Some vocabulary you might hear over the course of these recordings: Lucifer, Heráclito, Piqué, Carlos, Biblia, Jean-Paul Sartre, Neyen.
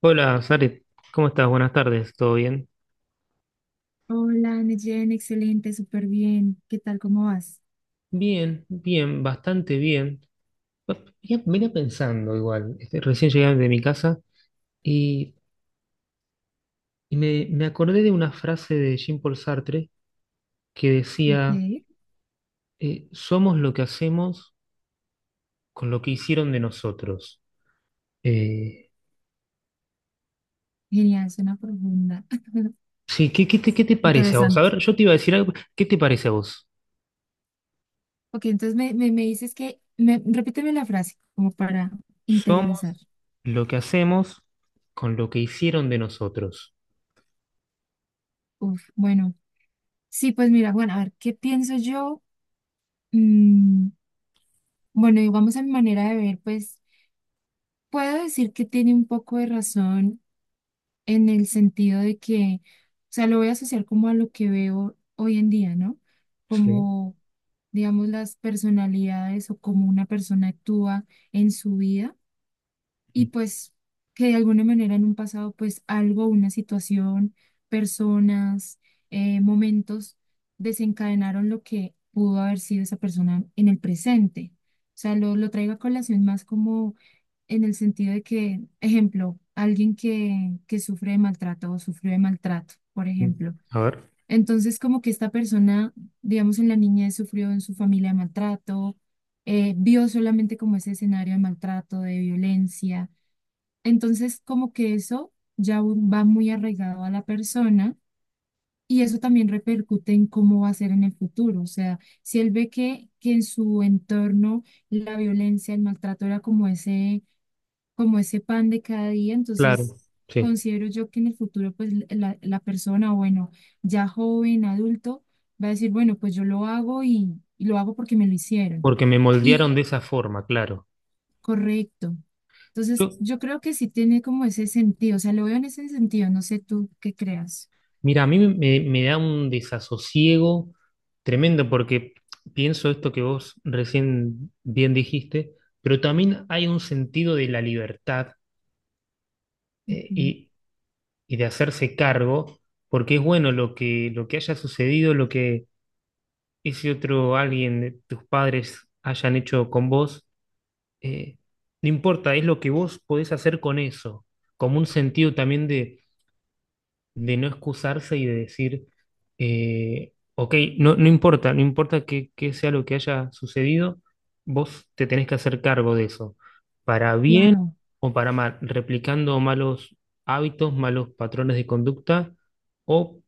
Hola, Sarit, ¿cómo estás? Buenas tardes, ¿todo bien? Hola, Neyen, excelente, súper bien. ¿Qué tal? ¿Cómo vas? Bien, bien, bastante bien. Va- Venía, venía pensando igual, este, recién llegué de mi casa y, y me acordé de una frase de Jean-Paul Sartre que decía, Ok, somos lo que hacemos con lo que hicieron de nosotros. Eh, genial, suena profunda. sí, ¿ qué te parece a vos? A Interesante. ver, yo te iba a decir algo, ¿qué te parece a vos? Ok, entonces me dices que, me, repíteme la frase como para Somos interiorizar. lo que hacemos con lo que hicieron de nosotros. Uf, bueno, sí, pues mira, bueno, a ver, ¿qué pienso yo? Mm, bueno, y vamos a mi manera de ver, pues puedo decir que tiene un poco de razón en el sentido de que, o sea, lo voy a asociar como a lo que veo hoy en día, ¿no? Sí. Como, digamos, las personalidades o cómo una persona actúa en su vida y pues que de alguna manera en un pasado, pues algo, una situación, personas, momentos desencadenaron lo que pudo haber sido esa persona en el presente. O sea, lo traigo a colación más como en el sentido de que, ejemplo, alguien que sufre de maltrato o sufrió de maltrato, por ejemplo. A ver. Entonces, como que esta persona, digamos, en la niñez sufrió en su familia de maltrato, vio solamente como ese escenario de maltrato, de violencia entonces, como que eso ya va muy arraigado a la persona y eso también repercute en cómo va a ser en el futuro. O sea, si él ve que en su entorno la violencia, el maltrato era como ese pan de cada día, Claro, entonces sí, considero yo que en el futuro, pues la, la persona, bueno, ya joven, adulto, va a decir, bueno, pues yo lo hago y lo hago porque me lo hicieron. porque me moldearon de esa forma, claro. Correcto. Yo, Entonces, yo creo que sí tiene como ese sentido, o sea, lo veo en ese sentido, no sé tú qué creas. mira, a mí me da un desasosiego tremendo porque pienso esto que vos recién bien dijiste, pero también hay un sentido de la libertad eh, Mm. y, y de hacerse cargo, porque es bueno lo que haya sucedido, lo que ese otro alguien, de tus padres, hayan hecho con vos, eh, no importa, es lo que vos podés hacer con eso, como un sentido también de no excusarse y de decir, ok, no, no importa, no importa qué sea lo que haya sucedido, vos te tenés que hacer cargo de eso, para bien Claro. o para mal, replicando malos hábitos, malos patrones de conducta o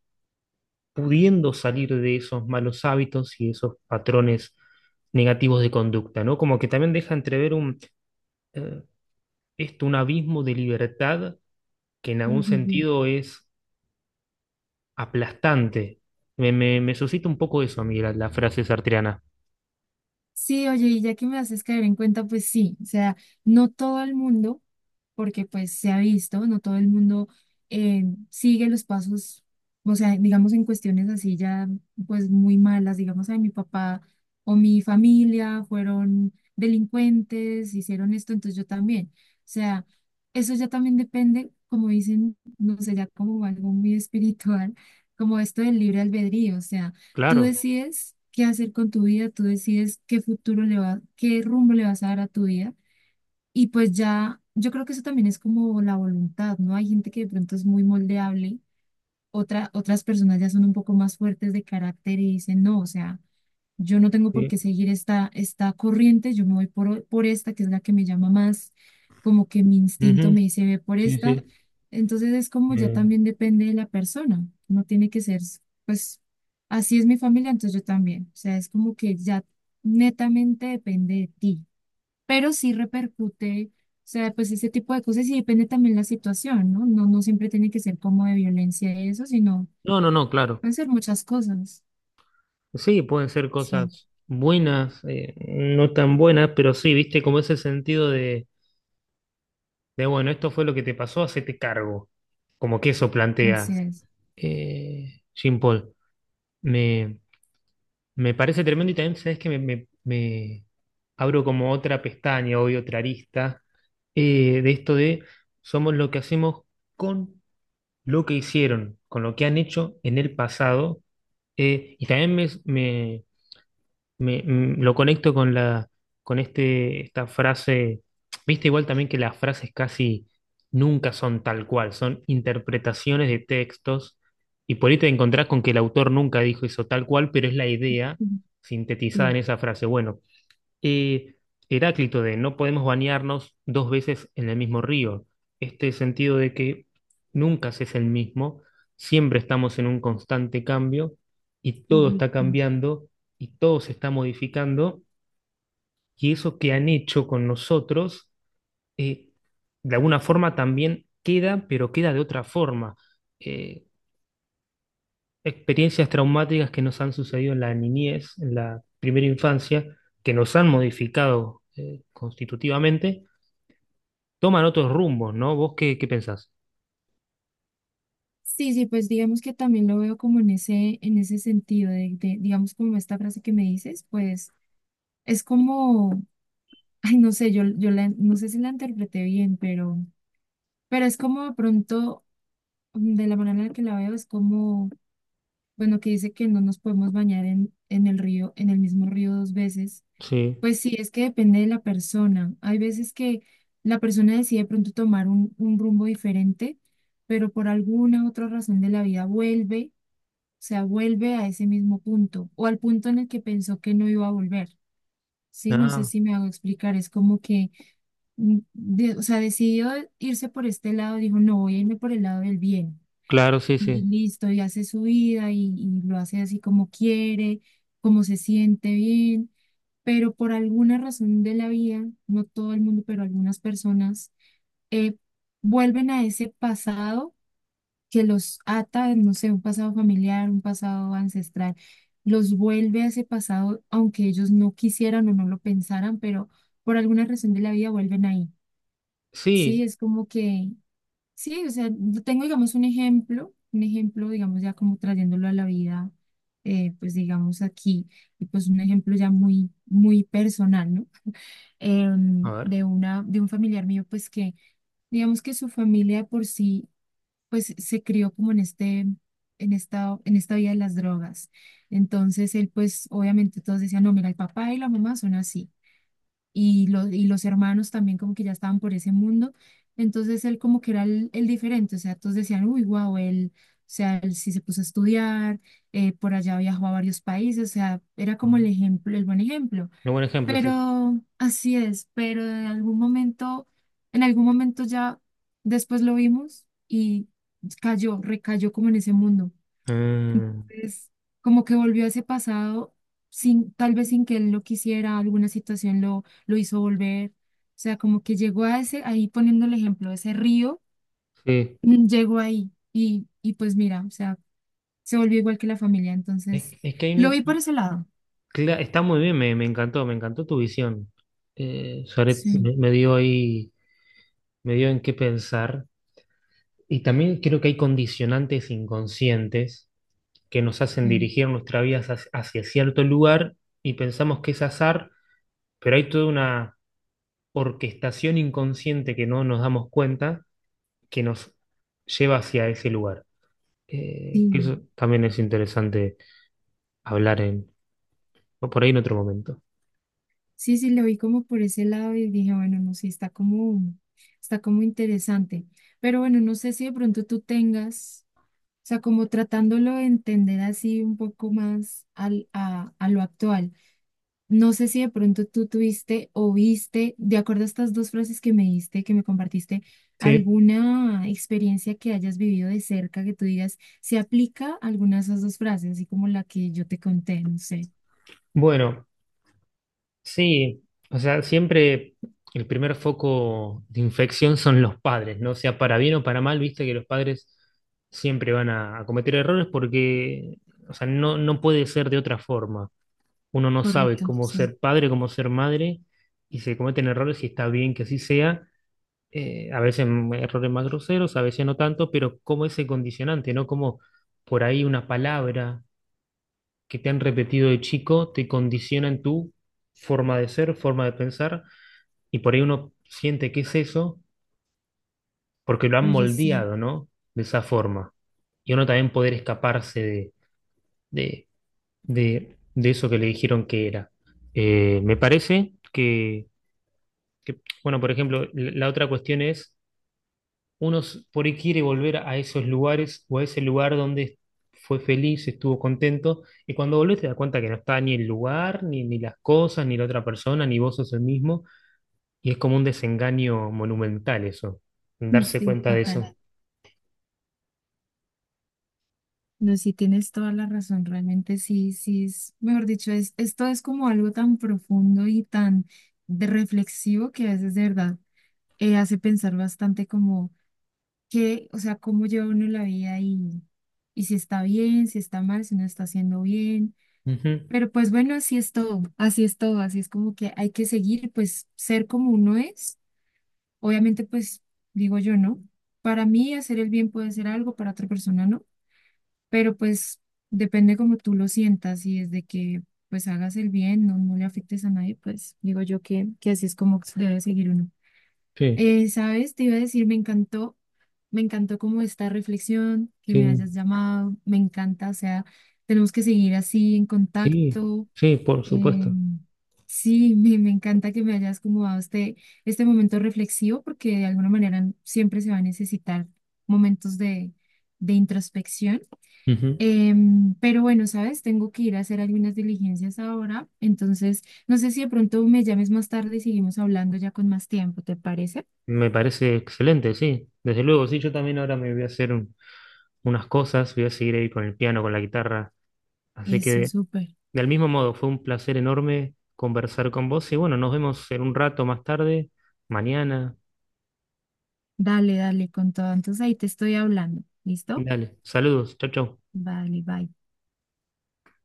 pudiendo salir de esos malos hábitos y esos patrones negativos de conducta, ¿no? Como que también deja entrever eh, un abismo de libertad que en Sí, algún sí, sí. sentido es aplastante. Me suscita un poco eso a mí, la frase sartreana. Sí, oye, y ya que me haces caer en cuenta, pues sí, o sea, no todo el mundo, porque pues se ha visto, no todo el mundo sigue los pasos, o sea, digamos en cuestiones así ya pues muy malas, digamos, a mi papá o mi familia fueron delincuentes, hicieron esto, entonces yo también. O sea, eso ya también depende, como dicen, no sé, ya como algo muy espiritual, como esto del libre albedrío, o sea. Tú Claro, decides qué hacer con tu vida, tú decides qué futuro le va, qué rumbo le vas a dar a tu vida. Y pues ya, yo creo que eso también es como la voluntad, ¿no? Hay gente que de pronto es muy moldeable otra, otras personas ya son un poco más fuertes de carácter y dicen, no, o sea, yo no tengo por sí. qué seguir esta, esta corriente, yo me voy por esta, que es la que me llama más, como que mi instinto Ujú. me dice, ve por Sí, esta. sí. Entonces es como ya Eh, también depende de la persona, no tiene que ser, pues, así es mi familia, entonces yo también. O sea, es como que ya netamente depende de ti pero sí repercute, o sea, pues ese tipo de cosas y depende también la situación, ¿no? No, no siempre tiene que ser como de violencia y eso, sino no, no, no, claro. pueden ser muchas cosas. Sí, pueden ser Sí, cosas buenas, no tan buenas, pero sí, viste, como ese sentido de bueno, esto fue lo que te pasó, hacete cargo. Como que eso plantea así es. Jean Paul. Me, me parece tremendo y también, ¿sabes que me abro como otra pestaña, hoy otra arista de esto de somos lo que hacemos con lo que hicieron, con lo que han hecho en el pasado. Y también me- me- mm, lo conecto con con esta frase, viste igual también que las frases casi nunca son tal cual, son interpretaciones de textos, y por ahí te encontrás con que el autor nunca dijo eso tal cual, pero es la idea Sí, sintetizada sí, en esa frase. Bueno, eh, Heráclito de no podemos bañarnos dos veces en el mismo río. Este sentido de que nunca se es el mismo, siempre estamos en un constante cambio y todo está correcto. cambiando y todo se está modificando y eso que han hecho con nosotros, eh, de alguna forma también queda, pero queda de otra forma. Eh, experiencias traumáticas que nos han sucedido en la niñez, en la primera infancia, que nos han modificado constitutivamente toman otros rumbos, ¿no? ¿Vos qué pensás? Sí, sí, pues digamos que también lo veo como en ese sentido de, digamos, como esta frase que me dices, pues es como, ay, no sé, yo la, no sé si la interpreté bien, pero es como de pronto, mm, de la manera en la que la veo, es como bueno, que dice que no nos podemos bañar en el río, en el mismo río dos veces. Sí. Pues sí, es que depende de la persona. Hay veces que la persona decide de pronto tomar un rumbo diferente, pero por alguna otra razón de la vida vuelve, o sea, vuelve a ese mismo punto o al punto en el que pensó que no iba a volver. Sí, no Ah, sé si me hago explicar, es como que, mm, o sea, decidió irse por este lado, dijo, no, voy a irme por el lado del bien claro, sí, y sí. listo, y hace su vida y lo hace así como quiere, como se siente bien, pero por alguna razón de la vida, no todo el mundo, pero algunas personas, eh, vuelven a ese pasado que los ata, no sé, un pasado familiar, un pasado ancestral, los vuelve a ese pasado, aunque ellos no quisieran o no lo pensaran, pero por alguna razón de la vida vuelven ahí. Sí, Sí, es como que sí, o sea, yo tengo, digamos, un ejemplo, digamos, ya como trayéndolo a la vida, pues digamos aquí, y pues un ejemplo ya muy, muy personal, ¿no? a ver. De una, de un familiar mío, pues que, digamos que su familia de por sí, pues se crió como en este, en esta vida de las drogas. Entonces él, pues, obviamente todos decían, no, mira, el papá y la mamá son así y los hermanos también como que ya estaban por ese mundo. Entonces él como que era el diferente, o sea, todos decían, uy, wow, él, o sea, él sí se puso a estudiar, por allá viajó a varios países, o sea, era como Ah. el ejemplo, el buen ejemplo. Un buen ejemplo, sí. Pero así es, pero en algún momento ya después lo vimos y cayó, recayó como en ese mundo Ah, pues como que volvió a ese pasado sin, tal vez sin que él lo quisiera, alguna situación lo hizo volver. O sea, como que llegó a ese, ahí poniendo el ejemplo, ese río, sí. mm, llegó ahí y pues mira, o sea, se volvió igual que la familia. Entonces, Es que hay lo vi por ese lado. Está muy bien, me encantó tu visión. Suárez Sí, me dio ahí, me dio en qué pensar. Y también creo que hay condicionantes inconscientes que nos hacen sí, dirigir nuestra vida hacia, hacia cierto lugar y pensamos que es azar, pero hay toda una orquestación inconsciente que no nos damos cuenta que nos lleva hacia ese lugar. Sí, Eso también es interesante hablar en, o por ahí en otro momento. sí, sí, lo vi como por ese lado y dije, bueno, no sé, está como interesante. Pero bueno, no sé si de pronto tú tengas. O sea, como tratándolo de entender así un poco más al, a lo actual. No sé si de pronto tú tuviste o viste, de acuerdo a estas dos frases que me diste, que me compartiste, Sí, alguna experiencia que hayas vivido de cerca que tú digas, se aplica alguna de esas dos frases, así como la que yo te conté, no sé. bueno, sí, o sea, siempre el primer foco de infección son los padres, ¿no? O sea, para bien o para mal, viste que los padres siempre van a cometer errores porque, o sea, no, no puede ser de otra forma. Uno no sabe Correcto, cómo sí. ser padre, cómo ser madre, y se cometen errores y está bien que así sea a veces errores más groseros, a veces no tanto, pero como ese condicionante, ¿no? Como por ahí una palabra que te han repetido de chico te condiciona en tu forma de ser, forma de pensar, y por ahí uno siente que es eso porque lo han Oye, sí, moldeado, ¿no? De esa forma. Y uno también poder escaparse de, de eso que le dijeron que era. Me parece que, bueno, por ejemplo, la otra cuestión es uno por ahí quiere volver a esos lugares o a ese lugar donde fue feliz, estuvo contento, y cuando volvés te das cuenta que no está ni el lugar, ni las cosas, ni la otra persona, ni vos sos el mismo, y es como un desengaño monumental eso, darse Sí, sí, cuenta de eso. total. No, sí tienes toda la razón, realmente sí, sí es, mejor dicho, es, esto es como algo tan profundo y tan de reflexivo que a veces de verdad hace pensar bastante como qué, o sea, cómo lleva uno la vida y si está bien, si está mal, si no está haciendo bien. Ujú. Pero pues bueno, así es todo, así es todo, así es como que hay que seguir, pues ser como uno es, obviamente pues digo yo, ¿no? Para mí hacer el bien puede ser algo, para otra persona no pero pues depende como tú lo sientas y desde que pues hagas el bien, no, no le afectes a nadie, pues digo yo que así es como debe seguir uno. Sí, ¿Sabes? Te iba a decir, me encantó como esta reflexión, que me sí, hayas llamado, me encanta, o sea, tenemos que seguir así en sí, contacto. sí, por eh, supuesto. sí, me encanta que me hayas como dado este, este momento reflexivo porque de alguna manera siempre se va a necesitar momentos de introspección. Ujú. Pero bueno, sabes, tengo que ir a hacer algunas diligencias ahora, entonces no sé si de pronto me llames más tarde y seguimos hablando ya con más tiempo, ¿te parece? Me parece excelente, sí. Desde luego, sí, yo también ahora me voy a hacer unas cosas, voy a seguir ahí con el piano, con la guitarra. Así Eso, que súper. Del mismo modo, fue un placer enorme conversar con vos y bueno, nos vemos en un rato más tarde, mañana. Dale, dale, con todo. Entonces ahí te estoy hablando. ¿Listo? Dale, saludos, chau, chau. Vale, bye.